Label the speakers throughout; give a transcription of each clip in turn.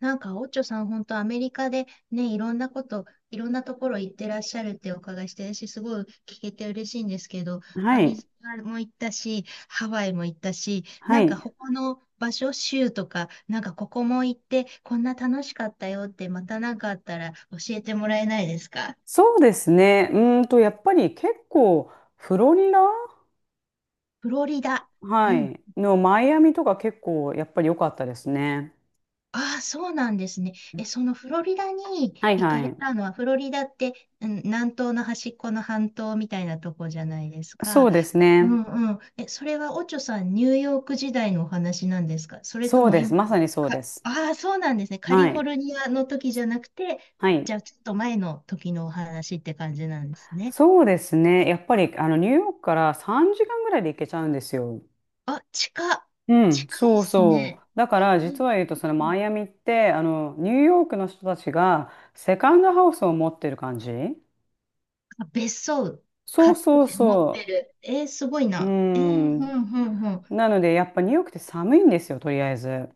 Speaker 1: なんか、オッチョさん、本当アメリカでね、いろんなこと、いろんなところ行ってらっしゃるってお伺いして、私すごい聞けて嬉しいんですけど、
Speaker 2: は
Speaker 1: アリ
Speaker 2: い。
Speaker 1: ゾナも行ったし、ハワイも行ったし、な
Speaker 2: は
Speaker 1: んか
Speaker 2: い。
Speaker 1: 他の場所、州とか、なんかここも行って、こんな楽しかったよって、またなんかあったら教えてもらえないですか？
Speaker 2: そうですね。やっぱり結構、フロリダ、
Speaker 1: フロリダ。
Speaker 2: は
Speaker 1: うん。
Speaker 2: い、のマイアミとか結構、やっぱり良かったですね。
Speaker 1: ああ、そうなんですね。え、そのフロリダに
Speaker 2: はい
Speaker 1: 行か
Speaker 2: は
Speaker 1: れ
Speaker 2: い。
Speaker 1: たのは、フロリダって、うん、南東の端っこの半島みたいなとこじゃないです
Speaker 2: そ
Speaker 1: か。
Speaker 2: うです
Speaker 1: う
Speaker 2: ね。
Speaker 1: んうん。え、それはオチョさん、ニューヨーク時代のお話なんですか、それと
Speaker 2: そう
Speaker 1: も
Speaker 2: で
Speaker 1: 今、
Speaker 2: す。まさにそうです。
Speaker 1: ああ、そうなんですね。カ
Speaker 2: は
Speaker 1: リフォ
Speaker 2: い。
Speaker 1: ルニアの時じゃなくて、
Speaker 2: はい。
Speaker 1: じゃあちょっと前の時のお話って感じなんですね。
Speaker 2: そうですね。やっぱり、ニューヨークから3時間ぐらいで行けちゃうんですよ。
Speaker 1: あ、近っ、
Speaker 2: うん、
Speaker 1: 近いで
Speaker 2: そう
Speaker 1: す
Speaker 2: そ
Speaker 1: ね。
Speaker 2: う。だから
Speaker 1: う
Speaker 2: 実
Speaker 1: ん。
Speaker 2: は言うとそのマイアミってあのニューヨークの人たちがセカンドハウスを持ってる感じ。
Speaker 1: あ、別荘
Speaker 2: そ
Speaker 1: 買
Speaker 2: う
Speaker 1: っ
Speaker 2: そう
Speaker 1: て持って
Speaker 2: そう。
Speaker 1: る。えー、すごい
Speaker 2: うー
Speaker 1: な。ふ
Speaker 2: ん。
Speaker 1: んふんふん。
Speaker 2: なので、やっぱニューヨークって寒いんですよ、とりあえず。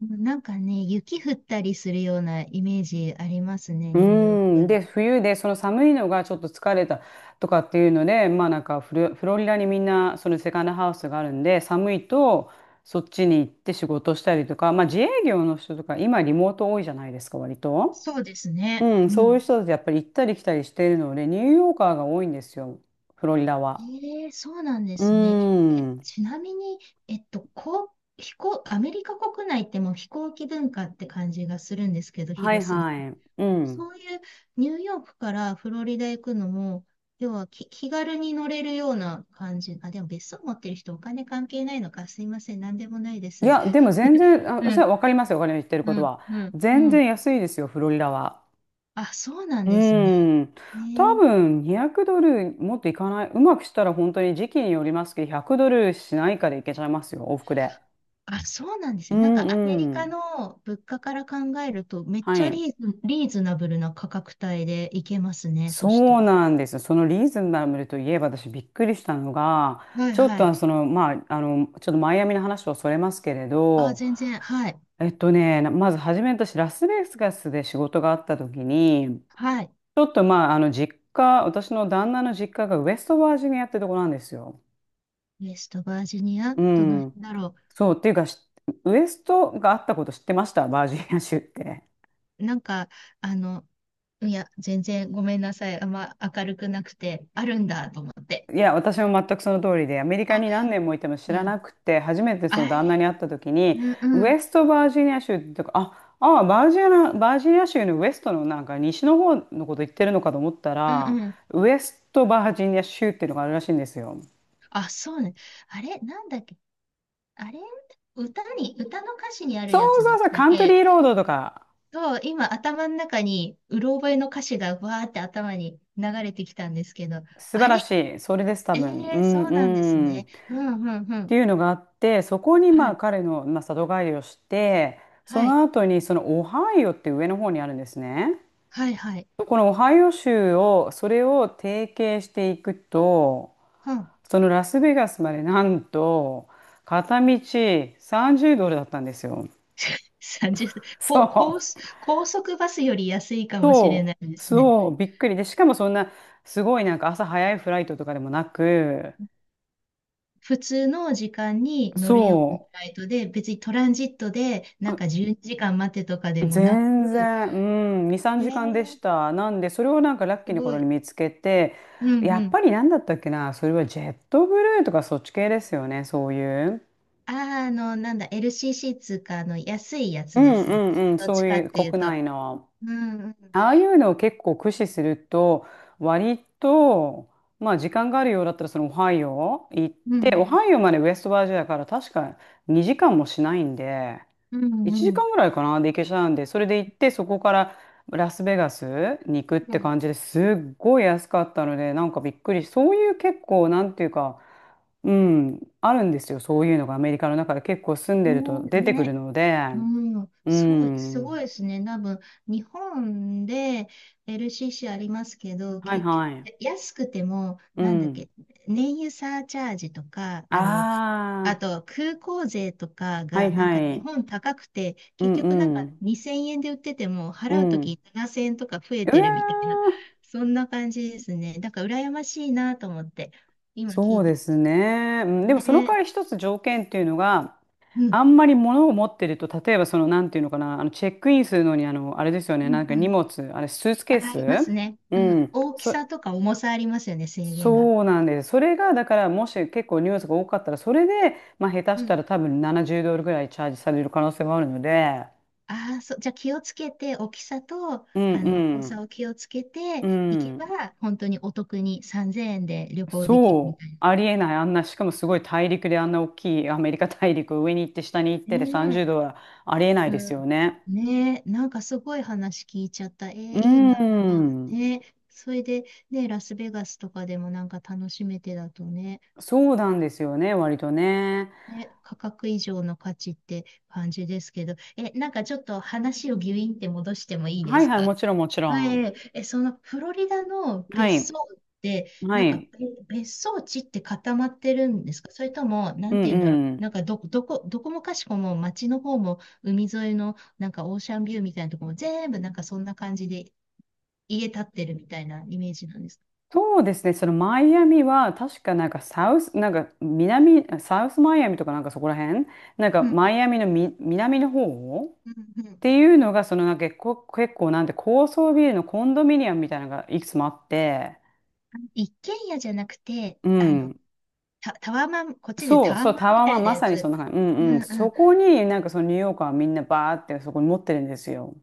Speaker 1: なんかね、雪降ったりするようなイメージありますね、
Speaker 2: う
Speaker 1: ニューヨ
Speaker 2: ー
Speaker 1: ー
Speaker 2: ん。
Speaker 1: ク。
Speaker 2: で、冬で、その寒いのがちょっと疲れたとかっていうので、まあなんかフロリダにみんな、そのセカンドハウスがあるんで、寒いと、そっちに行って仕事したりとか、まあ自営業の人とか、今リモート多いじゃないですか、割と。
Speaker 1: そうです
Speaker 2: う
Speaker 1: ね。
Speaker 2: ん、
Speaker 1: う
Speaker 2: そういう
Speaker 1: ん。
Speaker 2: 人たちやっぱり行ったり来たりしているので、ニューヨーカーが多いんですよ、フロリダは。
Speaker 1: えー、そうなんで
Speaker 2: う
Speaker 1: すね。え、
Speaker 2: ーん。
Speaker 1: ちなみに、こう、飛行、アメリカ国内ってもう飛行機文化って感じがするんですけど、
Speaker 2: はい
Speaker 1: 広すぎて。
Speaker 2: はい。うん。
Speaker 1: そういうニューヨークからフロリダ行くのも、要は気軽に乗れるような感じ。あ、でも別荘持ってる人お金関係ないのか。すいません。なんでもないで
Speaker 2: い
Speaker 1: す。
Speaker 2: や、でも全 然、
Speaker 1: う
Speaker 2: あ、それ
Speaker 1: ん、
Speaker 2: はわかりますよ、お金の言ってる
Speaker 1: う
Speaker 2: こと
Speaker 1: ん、
Speaker 2: は。
Speaker 1: うん、う
Speaker 2: 全
Speaker 1: ん。
Speaker 2: 然安いですよ、フロリダは。
Speaker 1: あ、そうなん
Speaker 2: う
Speaker 1: ですね。
Speaker 2: ん。多
Speaker 1: ねえ。
Speaker 2: 分200ドルもっといかない。うまくしたら本当に時期によりますけど、100ドルしないかでいけちゃいますよ、往復で。
Speaker 1: あ、そうなんです
Speaker 2: う
Speaker 1: ね。なんかアメリ
Speaker 2: んう
Speaker 1: カ
Speaker 2: ん。
Speaker 1: の物価から考えると、めっ
Speaker 2: は
Speaker 1: ちゃ
Speaker 2: い。
Speaker 1: リーズナブルな価格帯で行けますね。そした
Speaker 2: そ
Speaker 1: ら。
Speaker 2: うなんですよ。そのリーズナブルといえば私びっくりしたのが、
Speaker 1: はい
Speaker 2: ちょっ
Speaker 1: はい。
Speaker 2: とまあ、ちょっとマイアミの話をそれますけれ
Speaker 1: あ、
Speaker 2: ど、
Speaker 1: 全然。はい。
Speaker 2: まず初め私ラスベガスで仕事があった時に、
Speaker 1: はい。
Speaker 2: ちょっとまあ、実家、私の旦那の実家がウェストバージニアってとこなんですよ。
Speaker 1: ウェストバージニア、
Speaker 2: う
Speaker 1: どの
Speaker 2: ん。
Speaker 1: 辺だろう。
Speaker 2: そう、っていうか、ウエストがあったこと知ってました、バージニア州って？
Speaker 1: なんか、あの、いや、全然ごめんなさい。あんま明るくなくて、あるんだと思って。
Speaker 2: いや、私も全くその通りで、アメリカ
Speaker 1: あ、
Speaker 2: に何年もいても知
Speaker 1: う
Speaker 2: らな
Speaker 1: ん。
Speaker 2: くて、初めてそ
Speaker 1: あ
Speaker 2: の
Speaker 1: れ、
Speaker 2: 旦那に会った時に、
Speaker 1: うんう
Speaker 2: ウ
Speaker 1: ん。
Speaker 2: エストバージニア州ってとか、あ、ああ、バージニア州のウエストのなんか西の方のこと言ってるのかと思った
Speaker 1: うん
Speaker 2: ら、
Speaker 1: うん。
Speaker 2: ウエストバージニア州っていうのがあるらしいんですよ。
Speaker 1: あ、そうね。あれ、なんだっけ。あれ、歌に、歌の歌詞にある
Speaker 2: そ
Speaker 1: や
Speaker 2: う
Speaker 1: つで
Speaker 2: そうそ
Speaker 1: し
Speaker 2: う、
Speaker 1: たっ
Speaker 2: カントリーロー
Speaker 1: け？
Speaker 2: ドとか。
Speaker 1: と、今頭の中に、うろ覚えの歌詞がわーって頭に流れてきたんですけど、
Speaker 2: 素晴
Speaker 1: あれ、
Speaker 2: らしい。それです、多
Speaker 1: え
Speaker 2: 分。う
Speaker 1: えー、
Speaker 2: ん、
Speaker 1: そうなんです
Speaker 2: うん。っ
Speaker 1: ね。うんうんう
Speaker 2: て
Speaker 1: ん。
Speaker 2: いうのがあって、そこにま
Speaker 1: は
Speaker 2: あ
Speaker 1: い。
Speaker 2: 彼の、まあ、里帰りをして、そ
Speaker 1: はい。
Speaker 2: の後にそのオハイオって上の方にあるんですね。
Speaker 1: はいはい。
Speaker 2: このオハイオ州を、それを提携していくと、
Speaker 1: うん。
Speaker 2: そのラスベガスまでなんと、片道30ドルだったんですよ。
Speaker 1: 30。
Speaker 2: そ
Speaker 1: こ、高速、
Speaker 2: う。
Speaker 1: 高速バスより安いかもしれな
Speaker 2: そ
Speaker 1: いで
Speaker 2: う。
Speaker 1: すね。
Speaker 2: そう。びっくり。で、しかもそんな、すごいなんか朝早いフライトとかでもなく、
Speaker 1: 普通の時間に乗るようなフ
Speaker 2: そ
Speaker 1: ライトで、別にトランジットでなん
Speaker 2: う。
Speaker 1: か12時間待てとかでもな
Speaker 2: 全
Speaker 1: く、
Speaker 2: 然、うん、2、3
Speaker 1: え
Speaker 2: 時間で
Speaker 1: ー、
Speaker 2: した。なんで、それをなんかラッキ
Speaker 1: す
Speaker 2: ーな
Speaker 1: ご
Speaker 2: 頃に
Speaker 1: い。
Speaker 2: 見つけて、
Speaker 1: うんう
Speaker 2: やっ
Speaker 1: ん。
Speaker 2: ぱりなんだったっけな、それはジェットブルーとかそっち系ですよね、そういう。
Speaker 1: あー、なんだ、LCC つーか、の、安いや
Speaker 2: う
Speaker 1: つで
Speaker 2: ん
Speaker 1: す
Speaker 2: う
Speaker 1: よね。
Speaker 2: んうん、
Speaker 1: どっ
Speaker 2: そ
Speaker 1: ち
Speaker 2: う
Speaker 1: か
Speaker 2: い
Speaker 1: っ
Speaker 2: う
Speaker 1: ていう
Speaker 2: 国
Speaker 1: と。
Speaker 2: 内の。
Speaker 1: うんうん。
Speaker 2: ああいうのを結構駆使すると、割と、まあ時間があるようだったらそのオハイオ行っ
Speaker 1: うんう
Speaker 2: て、オ
Speaker 1: ん。
Speaker 2: ハイオまでウェストバージニアから確か2時間もしないんで、
Speaker 1: う
Speaker 2: 1
Speaker 1: んう
Speaker 2: 時
Speaker 1: ん。
Speaker 2: 間ぐらいかなで行けちゃうんで、それで行って、そこからラスベガスに行くって感じですっごい安かったので、なんかびっくりそういう結構、なんていうか、うん、あるんですよ、そういうのがアメリカの中で結構住ん
Speaker 1: う
Speaker 2: でると
Speaker 1: ん。
Speaker 2: 出て
Speaker 1: ね、
Speaker 2: くる
Speaker 1: ね、
Speaker 2: ので、
Speaker 1: うん、
Speaker 2: う
Speaker 1: そう、すごい
Speaker 2: ん、
Speaker 1: ですね。多分、日本で LCC ありますけど、
Speaker 2: はい
Speaker 1: 結局、
Speaker 2: はい、
Speaker 1: 安くても、
Speaker 2: う
Speaker 1: なんだっ
Speaker 2: ん、
Speaker 1: け、燃油サーチャージとか、あ
Speaker 2: あ
Speaker 1: と空港税とか
Speaker 2: あ、は
Speaker 1: が、
Speaker 2: い
Speaker 1: なんか
Speaker 2: は
Speaker 1: 日
Speaker 2: い、
Speaker 1: 本高くて、
Speaker 2: う
Speaker 1: 結
Speaker 2: ん
Speaker 1: 局なん
Speaker 2: う
Speaker 1: か
Speaker 2: ん、
Speaker 1: 2000円で売ってても、
Speaker 2: う
Speaker 1: 払うと
Speaker 2: ん、
Speaker 1: き7000円とか増え
Speaker 2: う
Speaker 1: て
Speaker 2: わ
Speaker 1: るみたいな、
Speaker 2: ー、
Speaker 1: そんな感じですね。だから、羨ましいなと思って、今聞
Speaker 2: そ
Speaker 1: い
Speaker 2: う
Speaker 1: て
Speaker 2: ですね。うんで
Speaker 1: ま
Speaker 2: も
Speaker 1: す
Speaker 2: その代
Speaker 1: ね。
Speaker 2: わり一つ条件っていうのが、
Speaker 1: うん、
Speaker 2: あんまり物を持ってると、例えばなんていうのかな、チェックインするのに、あれですよね、
Speaker 1: う
Speaker 2: なんか荷
Speaker 1: ん、
Speaker 2: 物、あれ、スーツケー
Speaker 1: あ
Speaker 2: ス。
Speaker 1: りますね。
Speaker 2: う
Speaker 1: うん。
Speaker 2: ん。
Speaker 1: 大き
Speaker 2: そ、
Speaker 1: さとか重さありますよね、制限が。
Speaker 2: そうなんです。それが、だから、もし結構荷物が多かったら、それで、まあ、下手
Speaker 1: う
Speaker 2: した
Speaker 1: ん。
Speaker 2: ら多分70ドルぐらいチャージされる可能性もあるので、
Speaker 1: ああ、そう。じゃあ気をつけて、大きさと、
Speaker 2: うん
Speaker 1: 重
Speaker 2: うん。
Speaker 1: さを気をつけ
Speaker 2: う
Speaker 1: ていけば、
Speaker 2: ん。
Speaker 1: 本当にお得に3000円で旅行できるみ
Speaker 2: そう、
Speaker 1: たい
Speaker 2: ありえない、あんな、しかもすごい大陸であんな大きいアメリカ大陸を上に行って下に行っ
Speaker 1: な。
Speaker 2: てで
Speaker 1: ね
Speaker 2: 30
Speaker 1: え。
Speaker 2: 度はありえないで
Speaker 1: う
Speaker 2: すよ
Speaker 1: ん。
Speaker 2: ね。
Speaker 1: ねえ、なんかすごい話聞いちゃった。えー、
Speaker 2: うー
Speaker 1: いいな。
Speaker 2: ん、
Speaker 1: ねえ。それで、ね、ラスベガスとかでもなんか楽しめてだとね、
Speaker 2: そうなんですよね、割とね。
Speaker 1: ね、価格以上の価値って感じですけど、え、なんかちょっと話をギュインって戻してもいいで
Speaker 2: はい
Speaker 1: す
Speaker 2: はい、
Speaker 1: か？
Speaker 2: もちろんもちろ
Speaker 1: は
Speaker 2: ん。
Speaker 1: い、え、そのフロリダの
Speaker 2: は
Speaker 1: 別荘
Speaker 2: い、
Speaker 1: って、
Speaker 2: は
Speaker 1: なんか
Speaker 2: い、
Speaker 1: べ別荘地って固まってるんですか、それとも、な
Speaker 2: う
Speaker 1: んて
Speaker 2: ん
Speaker 1: 言うんだろう。
Speaker 2: うん。
Speaker 1: なんかどこもかしこも街の方も海沿いのなんかオーシャンビューみたいなとこも全部なんかそんな感じで家建ってるみたいなイメージなんですか？
Speaker 2: そうですね、そのマイアミは確かなんかサウス、なんか南、サウスマイアミとかなんかそこら辺、なんか
Speaker 1: う
Speaker 2: マ
Speaker 1: ん
Speaker 2: イアミのみ南の方っ
Speaker 1: うんうんうん。
Speaker 2: ていうのが、そのなんか結構なんて高層ビルのコンドミニアムみたいなのがいくつもあって、
Speaker 1: 一軒家じゃなくて、
Speaker 2: うん。
Speaker 1: タワマン、こっちで
Speaker 2: そ
Speaker 1: タ
Speaker 2: う、
Speaker 1: ワ
Speaker 2: そう、
Speaker 1: マン
Speaker 2: タ
Speaker 1: み
Speaker 2: ワー
Speaker 1: た
Speaker 2: マ
Speaker 1: い
Speaker 2: ン
Speaker 1: な
Speaker 2: ま
Speaker 1: や
Speaker 2: さにそ
Speaker 1: つ。
Speaker 2: んな感じ。う
Speaker 1: う
Speaker 2: んうん。
Speaker 1: んう
Speaker 2: そ
Speaker 1: ん。
Speaker 2: こになんかそのニューヨーカーはみんなバーってそこに持ってるんですよ。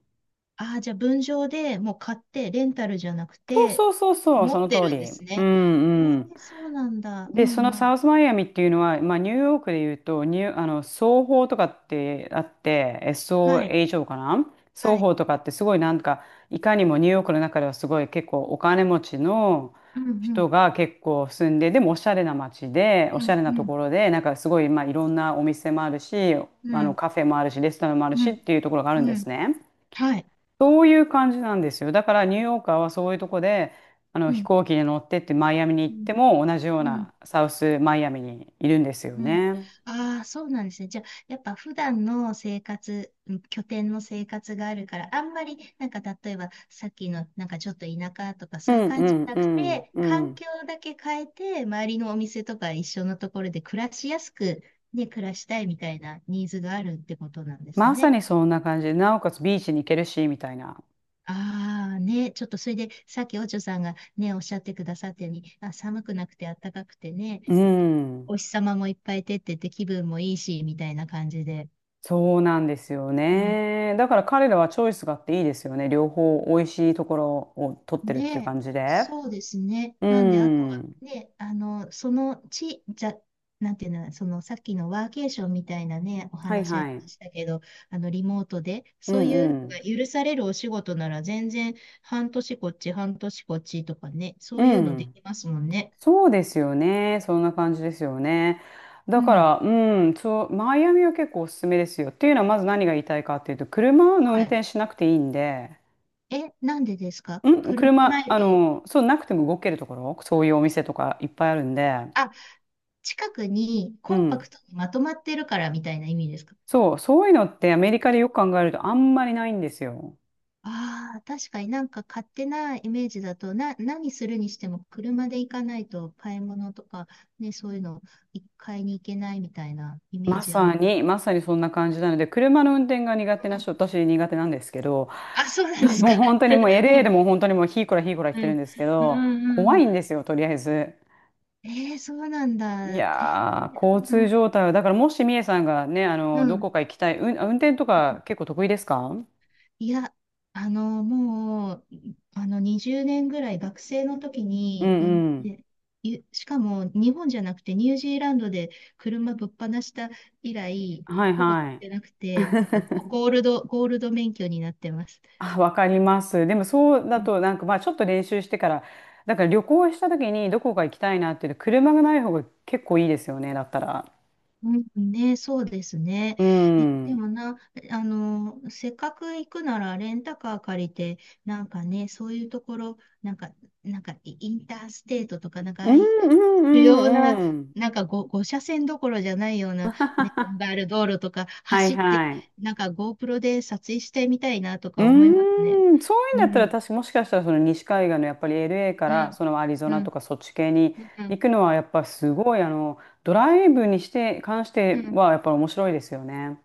Speaker 1: ああ、じゃあ分譲でもう買って、レンタルじゃなく
Speaker 2: そう
Speaker 1: て、
Speaker 2: そうそうそう、
Speaker 1: 持
Speaker 2: そ
Speaker 1: っ
Speaker 2: の
Speaker 1: て
Speaker 2: 通
Speaker 1: るんで
Speaker 2: り。
Speaker 1: す
Speaker 2: う
Speaker 1: ね。え
Speaker 2: んうん。
Speaker 1: え、そうなんだ。う
Speaker 2: で、その
Speaker 1: んう
Speaker 2: サ
Speaker 1: ん。
Speaker 2: ウスマイアミっていうのは、まあ、ニューヨークで言うと、ニュー、あの、双方とかってあって、
Speaker 1: はい。
Speaker 2: SOHO かな。双
Speaker 1: はい。
Speaker 2: 方とかってすごいなんか、いかにもニューヨークの中ではすごい結構お金持ちの
Speaker 1: うんう
Speaker 2: 人
Speaker 1: ん。
Speaker 2: が結構住んで、でもおしゃれな街で、お
Speaker 1: う
Speaker 2: しゃ
Speaker 1: ん
Speaker 2: れな
Speaker 1: う
Speaker 2: と
Speaker 1: ん。
Speaker 2: ころで、なんかすごい、まあ、いろんなお店もあるし、
Speaker 1: うん
Speaker 2: カフェもあるし、レストランもある
Speaker 1: う
Speaker 2: しっ
Speaker 1: ん。
Speaker 2: ていうところがあるん
Speaker 1: う
Speaker 2: です
Speaker 1: ん。
Speaker 2: ね。
Speaker 1: はい。
Speaker 2: そういう感じなんですよ。だからニューヨーカーはそういうとこで、あの
Speaker 1: う
Speaker 2: 飛
Speaker 1: ん。
Speaker 2: 行機に乗ってってマイアミに行
Speaker 1: う
Speaker 2: っ
Speaker 1: ん。
Speaker 2: ても同じよう
Speaker 1: うん
Speaker 2: なサウスマイアミにいるんですよ
Speaker 1: うん。
Speaker 2: ね。
Speaker 1: ああ、そうなんですね。じゃあ、やっぱ普段の生活、うん、拠点の生活があるから、あんまり、なんか例えば、さっきの、なんかちょっと田舎とか
Speaker 2: う
Speaker 1: そういう
Speaker 2: んう
Speaker 1: 感じじ
Speaker 2: ん
Speaker 1: ゃな
Speaker 2: う
Speaker 1: く
Speaker 2: ん
Speaker 1: て、
Speaker 2: う
Speaker 1: 環
Speaker 2: ん。
Speaker 1: 境だけ変えて、周りのお店とか一緒のところで暮らしやすく、ね、暮らしたいみたいなニーズがあるってことなんです
Speaker 2: まさ
Speaker 1: ね。
Speaker 2: にそんな感じで、なおかつビーチに行けるし、みたいな。
Speaker 1: ああ、ね、ちょっとそれで、さっきおちょさんがね、おっしゃってくださったように、あ、寒くなくて暖かくてね、
Speaker 2: うん。
Speaker 1: お日様もいっぱい出てて気分もいいし、みたいな感じで。
Speaker 2: そうなんですよね。だから彼らはチョイスがあっていいですよね。両方美味しいところを取ってるっていう
Speaker 1: で、
Speaker 2: 感じで。
Speaker 1: そうですね。
Speaker 2: う
Speaker 1: なんで、あとは、
Speaker 2: ん。
Speaker 1: ね、あの、その地、じゃ、なんていうの、そのさっきのワーケーションみたいなね、お
Speaker 2: はい
Speaker 1: 話あり
Speaker 2: は
Speaker 1: ま
Speaker 2: い。
Speaker 1: したけど、リモートで、
Speaker 2: う
Speaker 1: そうい
Speaker 2: ん
Speaker 1: う
Speaker 2: う
Speaker 1: のが
Speaker 2: ん。
Speaker 1: 許されるお仕事なら、全然、半年こっち、半年こっちとかね、そ
Speaker 2: う
Speaker 1: ういうので
Speaker 2: ん。
Speaker 1: きますもんね。
Speaker 2: そうですよね。そんな感じですよね。だ
Speaker 1: う
Speaker 2: か
Speaker 1: ん。
Speaker 2: ら、うん、そう、マイアミは結構おすすめですよ。っていうのは、まず何が言いたいかっていうと、車の
Speaker 1: は
Speaker 2: 運
Speaker 1: い。
Speaker 2: 転しなくていいんで、
Speaker 1: え、なんでですか？車
Speaker 2: 車、
Speaker 1: ないと、
Speaker 2: そう、なくても動けるところ、そういうお店とかいっぱいあるんで、
Speaker 1: あ、近くに
Speaker 2: う
Speaker 1: コンパ
Speaker 2: ん。
Speaker 1: クトにまとまってるからみたいな意味ですか？
Speaker 2: そう、そういうのってアメリカでよく考えるとあんまりないんですよ。
Speaker 1: ああ、確かになんか勝手なイメージだと、何するにしても車で行かないと買い物とか、ね、そういうの買いに行けないみたいなイメー
Speaker 2: ま
Speaker 1: ジあ
Speaker 2: さ
Speaker 1: り。
Speaker 2: に、まさにそんな感じなので、車の運転が苦手な
Speaker 1: うん、
Speaker 2: 人、私苦手なんですけど、
Speaker 1: あ、そうなんですか。
Speaker 2: もう本当 にもう LA でも本当にもうひーこらひーこら言っ
Speaker 1: う
Speaker 2: てるん
Speaker 1: ん、
Speaker 2: ですけ
Speaker 1: うん、う
Speaker 2: ど、
Speaker 1: ん。
Speaker 2: 怖
Speaker 1: うん、
Speaker 2: いんですよ、とりあえず。
Speaker 1: えー、そうなん
Speaker 2: い
Speaker 1: だ。え
Speaker 2: やー、交通
Speaker 1: ー、
Speaker 2: 状態は、だからもしみえさんがね、
Speaker 1: うん、う
Speaker 2: どこ
Speaker 1: ん。
Speaker 2: か行きたい、うん、運転とか結構得意ですか？うん
Speaker 1: いや、あの、もう、あの、20年ぐらい学生の時
Speaker 2: う
Speaker 1: に、運
Speaker 2: ん。
Speaker 1: 転ゆしかも日本じゃなくてニュージーランドで車ぶっ放した以来、
Speaker 2: はい
Speaker 1: ほぼ乗っ
Speaker 2: はい。
Speaker 1: てなくて、だからゴ、ゴールド、ゴールド免許になってます。
Speaker 2: あ、わかります。でもそうだ
Speaker 1: うん、
Speaker 2: と、なんかまあちょっと練習してから、だから旅行した時にどこか行きたいなっていうと車がない方が結構いいですよね、だったら。
Speaker 1: うんね、そうですね。
Speaker 2: う
Speaker 1: え、
Speaker 2: ん。う
Speaker 1: で
Speaker 2: ん
Speaker 1: もな、せっかく行くならレンタカー借りて、なんかね、そういうところ、なんか、なんかインターステートとか、なんかあ
Speaker 2: う
Speaker 1: あ
Speaker 2: ん
Speaker 1: い主
Speaker 2: う
Speaker 1: 要な、
Speaker 2: んうん。
Speaker 1: なんか5、車線どころじゃないような、ね、バル道路とか
Speaker 2: はい
Speaker 1: 走って、
Speaker 2: はい。
Speaker 1: なんか GoPro で撮影してみたいなと
Speaker 2: う
Speaker 1: か思いますね。
Speaker 2: ーん、そういうん
Speaker 1: う
Speaker 2: だったら
Speaker 1: ん、
Speaker 2: 確かもしかしたらその西海岸のやっぱり LA か
Speaker 1: う
Speaker 2: ら
Speaker 1: ん、
Speaker 2: そのアリゾ
Speaker 1: う
Speaker 2: ナと
Speaker 1: ん、
Speaker 2: かそっち系に
Speaker 1: う
Speaker 2: 行
Speaker 1: ん、
Speaker 2: くのはやっぱすごいあのドライブにして関し
Speaker 1: う
Speaker 2: て
Speaker 1: ん。
Speaker 2: はやっぱり面白いですよね。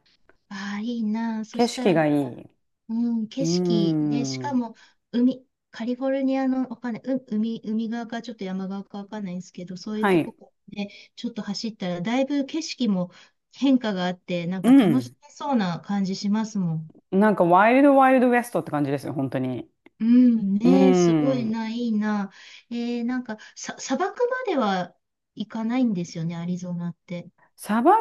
Speaker 1: ああ、いいなあ。そ
Speaker 2: 景
Speaker 1: した
Speaker 2: 色
Speaker 1: らなん
Speaker 2: がいい。
Speaker 1: か、うん、
Speaker 2: うー
Speaker 1: 景色、ね、しか
Speaker 2: ん。
Speaker 1: も、海、カリフォルニアの、わかんない、海側かちょっと山側かわかんないんですけど、そういう
Speaker 2: は
Speaker 1: と
Speaker 2: い。
Speaker 1: こね、ちょっと走ったら、だいぶ景色も変化があって、なん
Speaker 2: う
Speaker 1: か楽し
Speaker 2: ん。
Speaker 1: めそうな感じしますもん。
Speaker 2: なんかワイルドワイルドウエストって感じですよ、本当に。
Speaker 1: うん
Speaker 2: うー
Speaker 1: ね、すごい
Speaker 2: ん。
Speaker 1: な、いいな。えー、なんか、砂漠までは行かないんですよね、アリゾナって。
Speaker 2: 砂漠、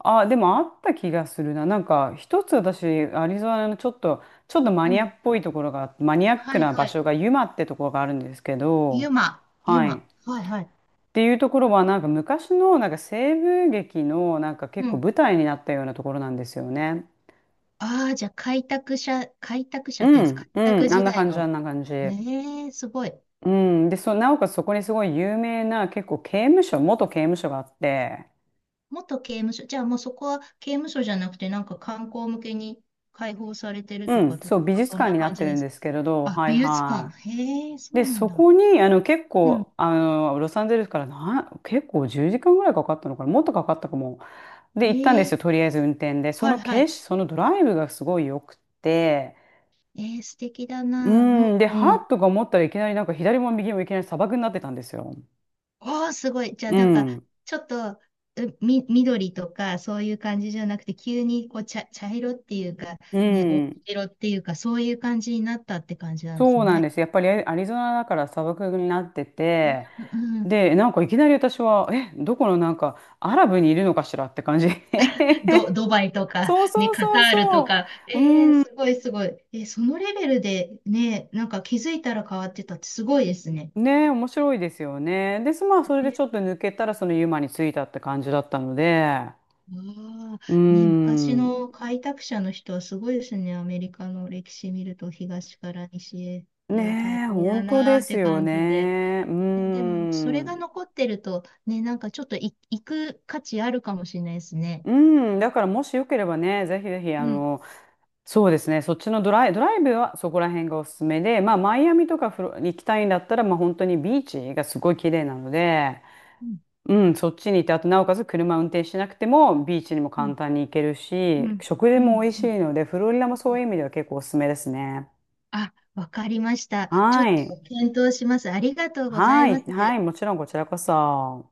Speaker 2: あ、でもあった気がするな。なんか一つ私、アリゾナのちょっとマ
Speaker 1: う
Speaker 2: ニア
Speaker 1: ん。
Speaker 2: っぽいところがあって、マニアッ
Speaker 1: は
Speaker 2: ク
Speaker 1: い
Speaker 2: な場
Speaker 1: はい。
Speaker 2: 所がユマってところがあるんですけ
Speaker 1: ユ
Speaker 2: ど、
Speaker 1: マ、ユ
Speaker 2: はい。っ
Speaker 1: マ。はいはい。
Speaker 2: ていうところはなんか昔のなんか西部劇のなんか
Speaker 1: う
Speaker 2: 結構
Speaker 1: ん。
Speaker 2: 舞台になったようなところなんですよね。
Speaker 1: ああ、じゃあ開拓者、開拓者
Speaker 2: う
Speaker 1: っていうんですか、
Speaker 2: ん、う
Speaker 1: 開拓
Speaker 2: ん、あん
Speaker 1: 時
Speaker 2: な
Speaker 1: 代
Speaker 2: 感じ、あ
Speaker 1: の。
Speaker 2: んな感じ。
Speaker 1: ええすごい。
Speaker 2: うん、で、そう、なおかつそこにすごい有名な結構刑務所、元刑務所があって、
Speaker 1: 元刑務所。じゃあもうそこは刑務所じゃなくて、なんか観光向けに開放されてる
Speaker 2: う
Speaker 1: とか、
Speaker 2: ん、
Speaker 1: 例え
Speaker 2: そう、美
Speaker 1: ば
Speaker 2: 術
Speaker 1: そん
Speaker 2: 館
Speaker 1: な
Speaker 2: にな
Speaker 1: 感
Speaker 2: って
Speaker 1: じ
Speaker 2: る
Speaker 1: で
Speaker 2: ん
Speaker 1: す
Speaker 2: で
Speaker 1: か。
Speaker 2: すけれど、
Speaker 1: あ、
Speaker 2: はい
Speaker 1: 美術館。
Speaker 2: は
Speaker 1: へえ、
Speaker 2: い。
Speaker 1: そ
Speaker 2: で、
Speaker 1: うなん
Speaker 2: そ
Speaker 1: だ。
Speaker 2: こに、結
Speaker 1: うん。
Speaker 2: 構、ロサンゼルスからな、結構10時間ぐらいかかったのかな、もっとかかったかも。で、行ったんで
Speaker 1: え
Speaker 2: すよ、
Speaker 1: え、
Speaker 2: とりあえず運転で。そ
Speaker 1: はい
Speaker 2: の
Speaker 1: は
Speaker 2: 景
Speaker 1: い。
Speaker 2: 色、そのドライブがすごい良くて、
Speaker 1: えー、素敵だ
Speaker 2: う
Speaker 1: な。うん
Speaker 2: ん、で、
Speaker 1: う
Speaker 2: はっ
Speaker 1: ん。
Speaker 2: とか思ったらいきなりなんか左も右もいきなり砂漠になってたんですよ。
Speaker 1: おー、すごい。じゃあ、
Speaker 2: う
Speaker 1: なんか、
Speaker 2: ん、
Speaker 1: ちょっと、緑とか、そういう感じじゃなくて、急に、こう、茶色っていうか、
Speaker 2: う
Speaker 1: ね、黄
Speaker 2: ん。
Speaker 1: 色っていうか、そういう感じになったって感じなんです
Speaker 2: そうなん
Speaker 1: ね。
Speaker 2: です。やっぱりアリゾナだから砂漠になってて、
Speaker 1: うんうん。
Speaker 2: で、なんかいきなり私は、え、どこのなんかアラブにいるのかしらって感じ。
Speaker 1: ド、ドバイとか、
Speaker 2: そう
Speaker 1: ね、
Speaker 2: そう
Speaker 1: カ
Speaker 2: そ
Speaker 1: タ
Speaker 2: う
Speaker 1: ール
Speaker 2: そ
Speaker 1: とか、
Speaker 2: う。
Speaker 1: えー、
Speaker 2: うん
Speaker 1: すごいすごい。えー、そのレベルで、ね、なんか気づいたら変わってたってすごいですね。
Speaker 2: ねえ、面白いですよね。で、まあ、それでちょっと抜けたら、そのユマに着いたって感じだったので、
Speaker 1: あ
Speaker 2: うー
Speaker 1: あ、ね、昔
Speaker 2: ん、
Speaker 1: の開拓者の人はすごいですね。アメリカの歴史見ると東から西へ。いや、大
Speaker 2: ねえ、
Speaker 1: 変や
Speaker 2: 本当
Speaker 1: な
Speaker 2: で
Speaker 1: ーっ
Speaker 2: す
Speaker 1: て
Speaker 2: よ
Speaker 1: 感じで。
Speaker 2: ね。うー
Speaker 1: ねでも、それが
Speaker 2: ん、
Speaker 1: 残ってると、ね、なんかちょっと行く価値あるかもしれないですね。
Speaker 2: うん、だからもしよければね、ぜひぜひ、
Speaker 1: うん、
Speaker 2: そうですね、そっちのドライブはそこら辺がおすすめで、まあ、マイアミとかフロ行きたいんだったら、まあ、本当にビーチがすごい綺麗なので、
Speaker 1: うん、
Speaker 2: うん、そっちに行って、あとなおかつ車運転しなくてもビーチにも
Speaker 1: う
Speaker 2: 簡
Speaker 1: ん、
Speaker 2: 単に行ける
Speaker 1: うん、う
Speaker 2: し、
Speaker 1: ん。
Speaker 2: 食事
Speaker 1: うん
Speaker 2: も美味し
Speaker 1: うん、
Speaker 2: いので、フロリダもそういう意味では結構おすすめですね。
Speaker 1: あ、わかりました。ちょっ
Speaker 2: は
Speaker 1: と
Speaker 2: い。
Speaker 1: 検討します。ありがとうござい
Speaker 2: は
Speaker 1: ま
Speaker 2: い。
Speaker 1: す。
Speaker 2: はい。もちろんこちらこそ。